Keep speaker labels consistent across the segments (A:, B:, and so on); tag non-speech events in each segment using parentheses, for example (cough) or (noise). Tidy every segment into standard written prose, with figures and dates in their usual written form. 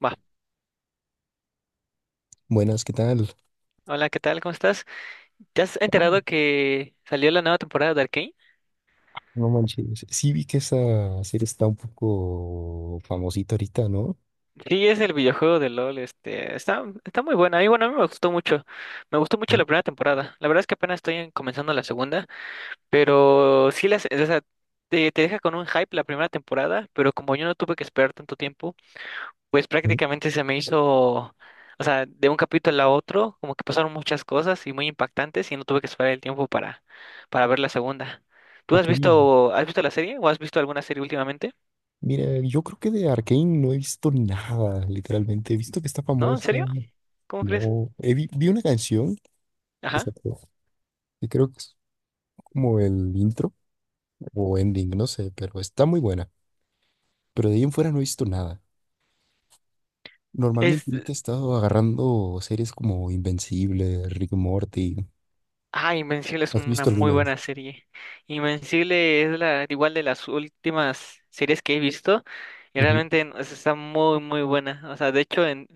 A: Va.
B: Buenas, ¿qué tal?
A: Hola, ¿qué tal? ¿Cómo estás? ¿Te has enterado
B: Ah,
A: que salió la nueva temporada de Arcane?
B: no manches. Sí vi que esa serie está un poco famosita ahorita, ¿no?
A: Sí, es el videojuego de LOL, está muy buena. Y bueno, a mí me gustó mucho. Me gustó mucho
B: Mm,
A: la primera temporada. La verdad es que comenzando la segunda, pero sí las, o sea, te deja con un hype la primera temporada, pero como yo no tuve que esperar tanto tiempo. Pues
B: mm,
A: prácticamente se me hizo, o sea, de un capítulo a otro, como que pasaron muchas cosas y muy impactantes y no tuve que esperar el tiempo para ver la segunda. ¿Tú
B: Ok.
A: has visto la serie o has visto alguna serie últimamente?
B: Mira, yo creo que de Arcane no he visto nada, literalmente. He visto que está
A: ¿No? ¿En
B: famosa.
A: serio? ¿Cómo crees?
B: No, vi una canción que
A: Ajá.
B: sacó, que creo que es como el intro o ending, no sé, pero está muy buena. Pero de ahí en fuera no he visto nada.
A: es
B: Normalmente ahorita he estado agarrando series como Invencible, Rick and Morty.
A: Ah, Invencible es
B: ¿Has
A: una
B: visto
A: muy
B: alguna de
A: buena
B: esas?
A: serie. Invencible es la igual de las últimas series que he visto y
B: Ujú,
A: realmente, o sea, está muy muy buena. O sea, de hecho, en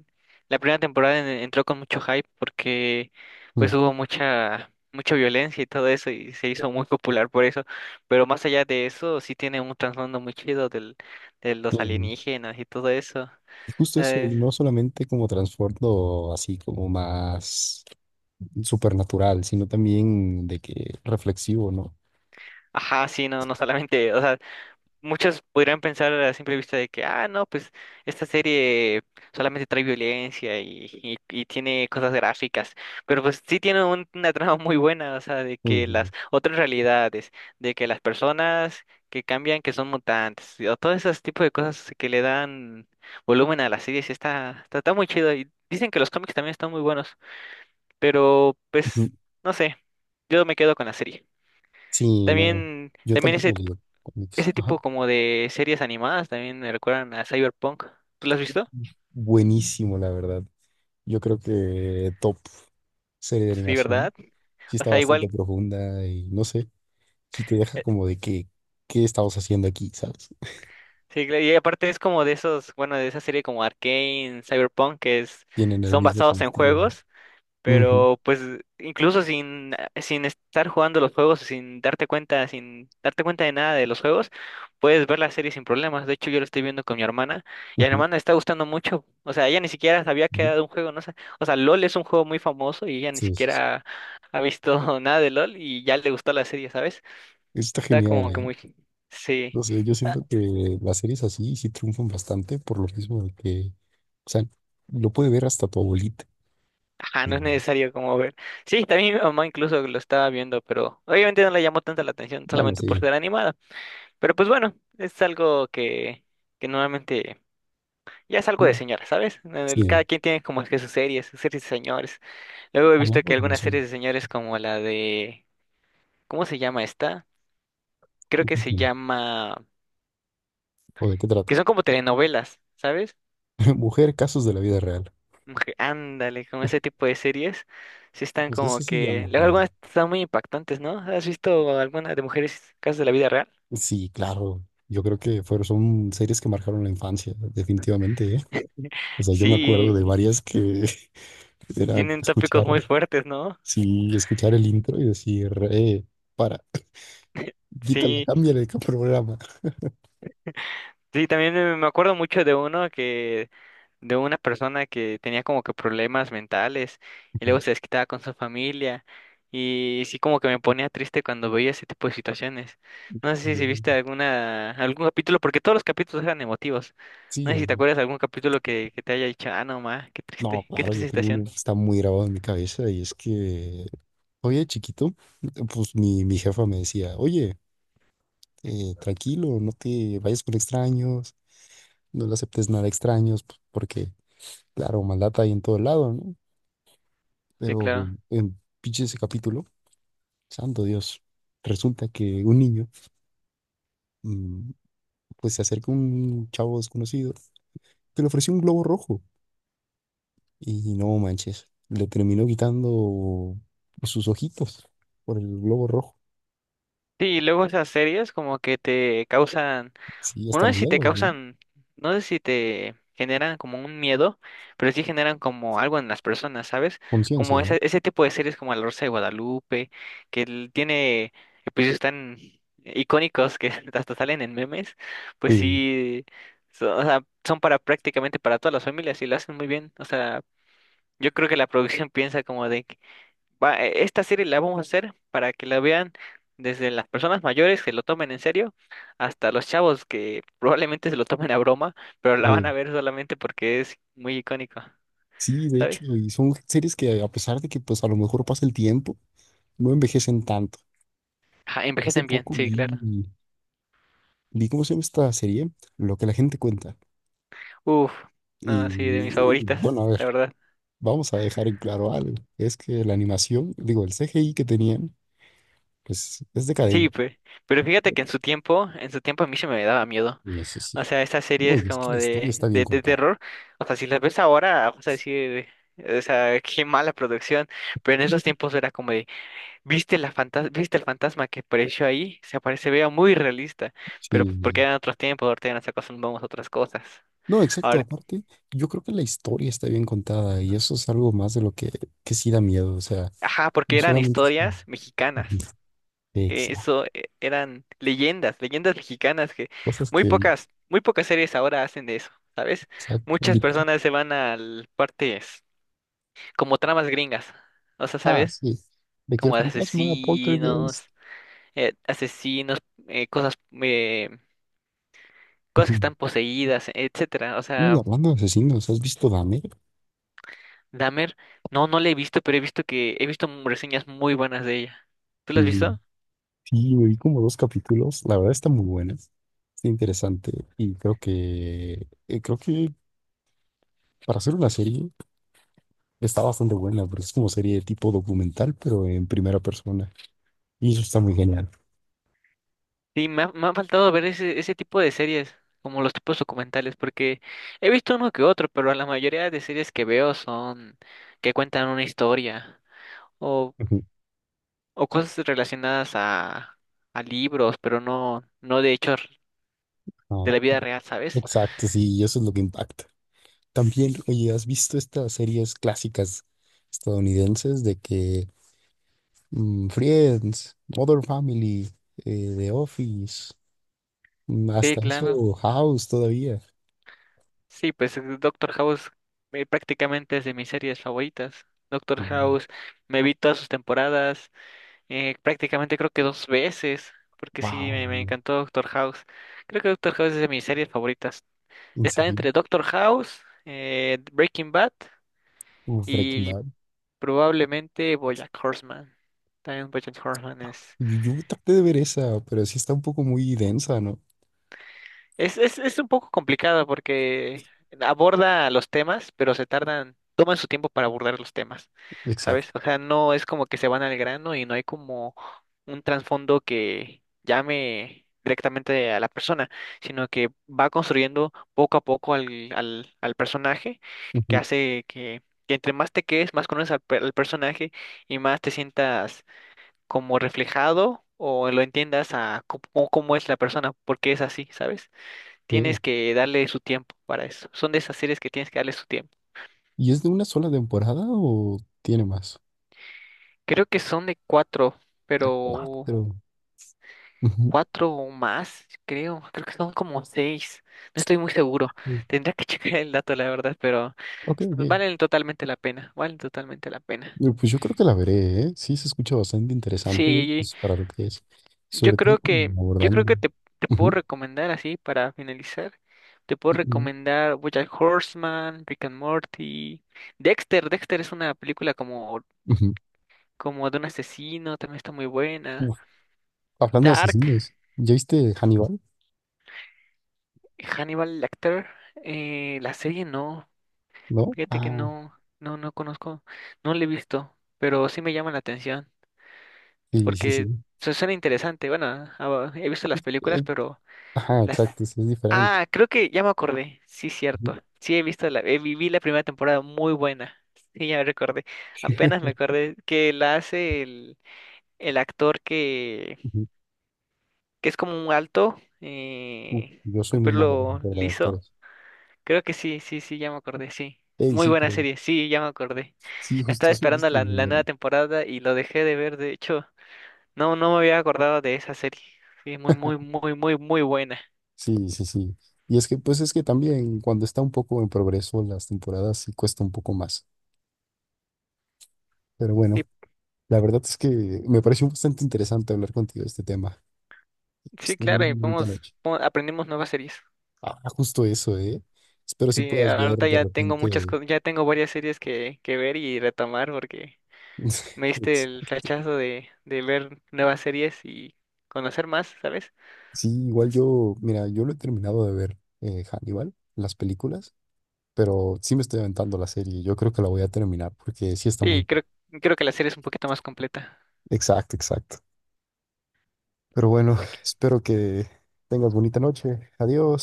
A: la primera temporada entró con mucho hype porque pues
B: ujú,
A: hubo mucha mucha violencia y todo eso y se hizo muy popular por eso. Pero más allá de eso sí tiene un trasfondo muy chido del de los
B: ujú.
A: alienígenas y todo eso.
B: Y justo eso,
A: Eh,
B: y no solamente como transbordo así como más supernatural, sino también de que reflexivo, ¿no?
A: ajá, sí, no solamente, o sea. Muchos podrían pensar a simple vista de que, ah, no, pues esta serie solamente trae violencia y tiene cosas gráficas, pero pues sí tiene una trama muy buena, o sea, de que
B: Ujú,
A: las otras realidades, de que las personas que cambian, que son mutantes, y o todos esos tipos de cosas que le dan volumen a las series, está muy chido. Y dicen que los cómics también están muy buenos, pero pues,
B: ujú.
A: no sé, yo me quedo con la serie.
B: Sí, no,
A: También,
B: yo
A: también ese
B: tampoco digo cómics.
A: ese
B: Ajá.
A: tipo como de series animadas también me recuerdan a Cyberpunk. ¿Tú lo has visto?
B: Buenísimo, la verdad. Yo creo que top serie de
A: Sí,
B: animación.
A: ¿verdad?
B: Sí
A: O
B: está
A: sea,
B: bastante
A: igual,
B: profunda y no sé, si te deja
A: eh,
B: como de que, ¿qué estamos haciendo aquí? ¿Sabes?
A: sí, claro, y aparte es como de esos, bueno, de esa serie como Arcane, Cyberpunk, que es,
B: Tienen el
A: son
B: mismo
A: basados en
B: estilo,
A: juegos.
B: ¿no? Ujú,
A: Pero pues incluso sin estar jugando los juegos, sin darte cuenta de nada de los juegos, puedes ver la serie sin problemas. De hecho, yo lo estoy viendo con mi hermana y a mi
B: ujú,
A: hermana le está gustando mucho. O sea, ella ni siquiera sabía que
B: ujú.
A: era de un juego, no sé. O sea, LOL es un juego muy famoso y ella ni
B: Sí, sí, sí.
A: siquiera ha visto (laughs) nada de LOL y ya le gustó la serie, ¿sabes?
B: Está
A: Está
B: genial,
A: como que
B: ¿eh?
A: muy... Sí.
B: No sé, yo siento que las series así sí triunfan bastante por lo mismo de que, o sea, lo puede ver hasta tu abuelita.
A: Ajá,
B: Y
A: no es necesario como ver. Sí, también mi mamá incluso lo estaba viendo, pero obviamente no le llamó tanta la atención
B: bueno,
A: solamente por
B: sí,
A: ser animada. Pero pues bueno, es algo que normalmente ya es algo de
B: mm,
A: señora, ¿sabes? Cada
B: sí,
A: quien tiene como que sus series de señores. Luego he visto
B: hablando
A: que
B: de
A: algunas
B: animación,
A: series de señores como la de, ¿cómo se llama esta? Creo
B: ¿tú
A: que
B: qué
A: se
B: tienes?
A: llama,
B: ¿O de qué
A: que
B: trata?
A: son como telenovelas, ¿sabes?
B: (laughs) Mujer, casos de la vida real.
A: Como que Ándale, con ese tipo de series, sí están
B: Pues
A: como
B: eso sí
A: que,
B: llama, la
A: luego
B: verdad.
A: algunas están muy impactantes, ¿no? ¿Has visto alguna de mujeres casos de la vida real?
B: Sí, claro. Yo creo que son series que marcaron la infancia, definitivamente, ¿eh? O sea, yo me acuerdo de
A: Sí,
B: varias que (laughs) era
A: tienen
B: escuchar,
A: tópicos muy fuertes, ¿no?
B: sí, escuchar el intro y decir, para, (laughs) quítala,
A: Sí.
B: cámbiale de programa.
A: Sí, también, me acuerdo mucho de uno que, de una persona que tenía como que problemas mentales y luego se
B: (laughs)
A: desquitaba con su familia y sí como que me ponía triste cuando veía ese tipo de situaciones. No sé si viste alguna, algún capítulo, porque todos los capítulos eran emotivos.
B: Sí,
A: No sé si te
B: no,
A: acuerdas de algún capítulo que te haya dicho, ah, no, ma,
B: no,
A: qué
B: claro,
A: triste
B: yo tengo uno
A: situación.
B: que está muy grabado en mi cabeza y es que, oye, chiquito, pues mi jefa me decía, oye, tranquilo, no te vayas con extraños, no le aceptes nada a extraños, porque, claro, maldad hay en todo lado, ¿no?
A: Sí,
B: Pero
A: claro.
B: en pinche ese capítulo, santo Dios, resulta que un niño, mm, pues se acerca a un chavo desconocido que le ofreció un globo rojo. Y no manches, le terminó quitando sus ojitos por el globo rojo.
A: Sí, y luego esas series como que te causan.
B: Sí,
A: Bueno,
B: hasta
A: no sé si
B: mañana,
A: te
B: ¿no?
A: causan, no sé si te generan como un miedo, pero sí generan como algo en las personas, ¿sabes? Como
B: Conciencia, ¿no?
A: ese tipo de series como La Rosa de Guadalupe, que tiene episodios tan icónicos que (laughs) hasta salen en memes, pues
B: Sí,
A: sí, son, o sea, son para prácticamente para todas las familias y lo hacen muy bien. O sea, yo creo que la producción piensa como de esta serie la vamos a hacer para que la vean desde las personas mayores que lo tomen en serio hasta los chavos que (laughs) probablemente se lo tomen a broma, pero la van
B: eh,
A: a ver solamente porque es muy icónico,
B: sí, de
A: ¿sabes?
B: hecho, y son series que a pesar de que pues a lo mejor pasa el tiempo, no envejecen tanto.
A: Ajá,
B: Hace
A: envejecen bien,
B: poco
A: sí, claro.
B: vi cómo se llama esta serie, Lo que la gente cuenta.
A: Uf, no, sí, de mis
B: Y, y
A: favoritas,
B: bueno, a ver,
A: la verdad.
B: vamos a dejar en claro algo. Es que la animación, digo, el CGI que tenían, pues es
A: Sí,
B: decadente.
A: pero fíjate que en su tiempo a mí se me daba miedo.
B: Y eso sí.
A: O sea, esta serie es
B: Oye, es que
A: como
B: la historia
A: de,
B: está bien
A: de
B: contada.
A: terror. O sea, si las ves ahora, vas a decir, o sea, qué mala producción. Pero en esos tiempos era como de, ¿Viste la ¿Viste el fantasma que apareció ahí? Se aparece, vea muy realista, pero
B: Sí,
A: pues porque
B: sí,
A: eran otros tiempos, ahorita ya nos acostumbramos a otras cosas.
B: no, exacto.
A: Ahora,
B: Aparte, yo creo que la historia está bien contada y eso es algo más de lo que sí da miedo. O sea,
A: ajá,
B: no
A: porque eran
B: solamente es como
A: historias mexicanas.
B: (laughs) exacto,
A: Eso, eran leyendas, leyendas mexicanas que
B: cosas que,
A: muy pocas series ahora hacen de eso, ¿sabes?
B: exacto, de
A: Muchas
B: que...
A: personas se van a partes como tramas gringas, o sea,
B: Ah,
A: ¿sabes?
B: sí, de que el
A: Como de
B: fantasma era poltergeist.
A: asesinos, asesinos, eh, cosas, eh, cosas que están
B: (laughs)
A: poseídas, etcétera. O
B: Ujú.
A: sea,
B: Hablando de asesinos, ¿has visto Dahmer?
A: Dahmer, no, no la he visto, pero he visto que reseñas muy buenas de ella. ¿Tú las has
B: Y
A: visto?
B: sí, me vi como dos capítulos. La verdad está muy buena, está interesante y creo que para hacer una serie está bastante buena, porque es como serie tipo documental, pero en primera persona. Y eso está muy genial.
A: Sí, me ha faltado ver ese tipo de series, como los tipos documentales, porque he visto uno que otro, pero la mayoría de series que veo son que cuentan una historia o,
B: Ujú.
A: o cosas relacionadas a libros, pero no, no de hechos
B: Ah,
A: de la vida real, ¿sabes?
B: exacto, sí, y eso es lo que impacta.
A: Sí,
B: También, oye, ¿has visto estas series clásicas estadounidenses de que Friends, Modern Family, The Office, mm,
A: sí,
B: hasta
A: claro.
B: eso House todavía?
A: Sí, pues Doctor House prácticamente es de mis series favoritas. Doctor
B: Y
A: House, me vi todas sus temporadas, prácticamente creo que dos veces, porque sí,
B: wow,
A: me encantó Doctor House. Creo que Doctor House es de mis series favoritas.
B: en
A: Está
B: serio,
A: entre Doctor House, Breaking Bad
B: Breaking
A: y
B: Bad.
A: probablemente BoJack Horseman. También BoJack Horseman es,
B: Yo traté de ver esa, pero sí está un poco muy densa, ¿no?
A: Es un poco complicado porque aborda los temas, pero se tardan, toman su tiempo para abordar los temas,
B: Exacto.
A: ¿sabes? O sea, no es como que se van al grano y no hay como un trasfondo que llame directamente a la persona, sino que va construyendo poco a poco al personaje, que
B: Ujú.
A: hace que entre más te quedes, más conoces al personaje y más te sientas como reflejado o lo entiendas a cómo, cómo es la persona, por qué es así, ¿sabes?
B: Ok.
A: Tienes que darle su tiempo para eso. Son de esas series que tienes que darle su tiempo.
B: ¿Y es de una sola temporada o tiene más?
A: Creo que son de cuatro,
B: Ah,
A: pero
B: cuatro. Ujú.
A: cuatro o más, creo. Creo que son como seis. No estoy muy seguro. Tendría que (laughs) checar el dato, la verdad, pero
B: Ok, ok.
A: valen totalmente la pena. Valen totalmente la pena.
B: Pues yo creo que la veré, ¿eh? Sí, se escucha bastante interesante
A: Sí,
B: pues, para lo que es. Sobre todo como
A: yo creo
B: abordando.
A: que te puedo
B: Ujú,
A: recomendar así para finalizar. Te puedo
B: ujú,
A: recomendar BoJack Horseman, Rick and Morty. Dexter, Dexter es una película como
B: ujú.
A: como de un asesino, también está muy buena.
B: Uf, hablando de
A: Dark,
B: asesinos, ¿ya viste Hannibal?
A: Hannibal Lecter, la serie no,
B: ¿No?
A: fíjate que
B: Ah,
A: no, no conozco, no la he visto, pero sí me llama la atención,
B: sí, sí,
A: porque
B: sí.
A: suena interesante, bueno, ah, he visto las películas,
B: Eh,
A: pero
B: ajá,
A: las...
B: exacto, sí, es diferente.
A: Ah, creo que ya me acordé, sí,
B: Ujú,
A: cierto, sí he visto la, vi la primera temporada muy buena, sí, ya me recordé, apenas
B: (laughs)
A: me acordé que la hace el actor
B: ujú.
A: que es como un alto,
B: Uf, yo soy
A: con
B: muy malo para
A: pelo
B: recordar
A: liso.
B: actores.
A: Creo que sí, sí, sí, ya me acordé, sí.
B: Ey,
A: Muy
B: sí,
A: buena
B: pero
A: serie, sí, ya me acordé.
B: sí,
A: Estaba
B: justo eso yo
A: esperando
B: estoy
A: la
B: viendo,
A: nueva
B: ¿no?
A: temporada y lo dejé de ver, de hecho, no, no me había acordado de esa serie. Sí, muy, muy, muy, muy, muy buena.
B: Sí, sí, sí. Y es que, pues es que también cuando está un poco en progreso las temporadas sí cuesta un poco más. Pero
A: Sí,
B: bueno. La verdad es que me pareció bastante interesante hablar contigo de este tema. Pues
A: sí,
B: ten una
A: claro, y
B: muy bonita
A: podemos,
B: noche.
A: aprendemos nuevas series.
B: Ah, justo eso, ¿eh? Espero si
A: Sí,
B: puedas ver
A: ahorita
B: de
A: ya tengo
B: repente.
A: muchas cosas, ya tengo varias series que ver y retomar porque me
B: (laughs)
A: diste
B: es-
A: el flechazo de ver nuevas series y conocer más, ¿sabes?
B: Sí, igual yo, mira, yo lo he terminado de ver Hannibal, las películas, pero sí me estoy aventando la serie. Yo creo que la voy a terminar porque sí está
A: Sí,
B: muy.
A: creo, creo que la serie es un poquito más completa.
B: Exacto, exacto. Pero bueno,
A: Aquí.
B: (laughs) espero que tengas bonita noche.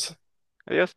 A: Sí. Adiós.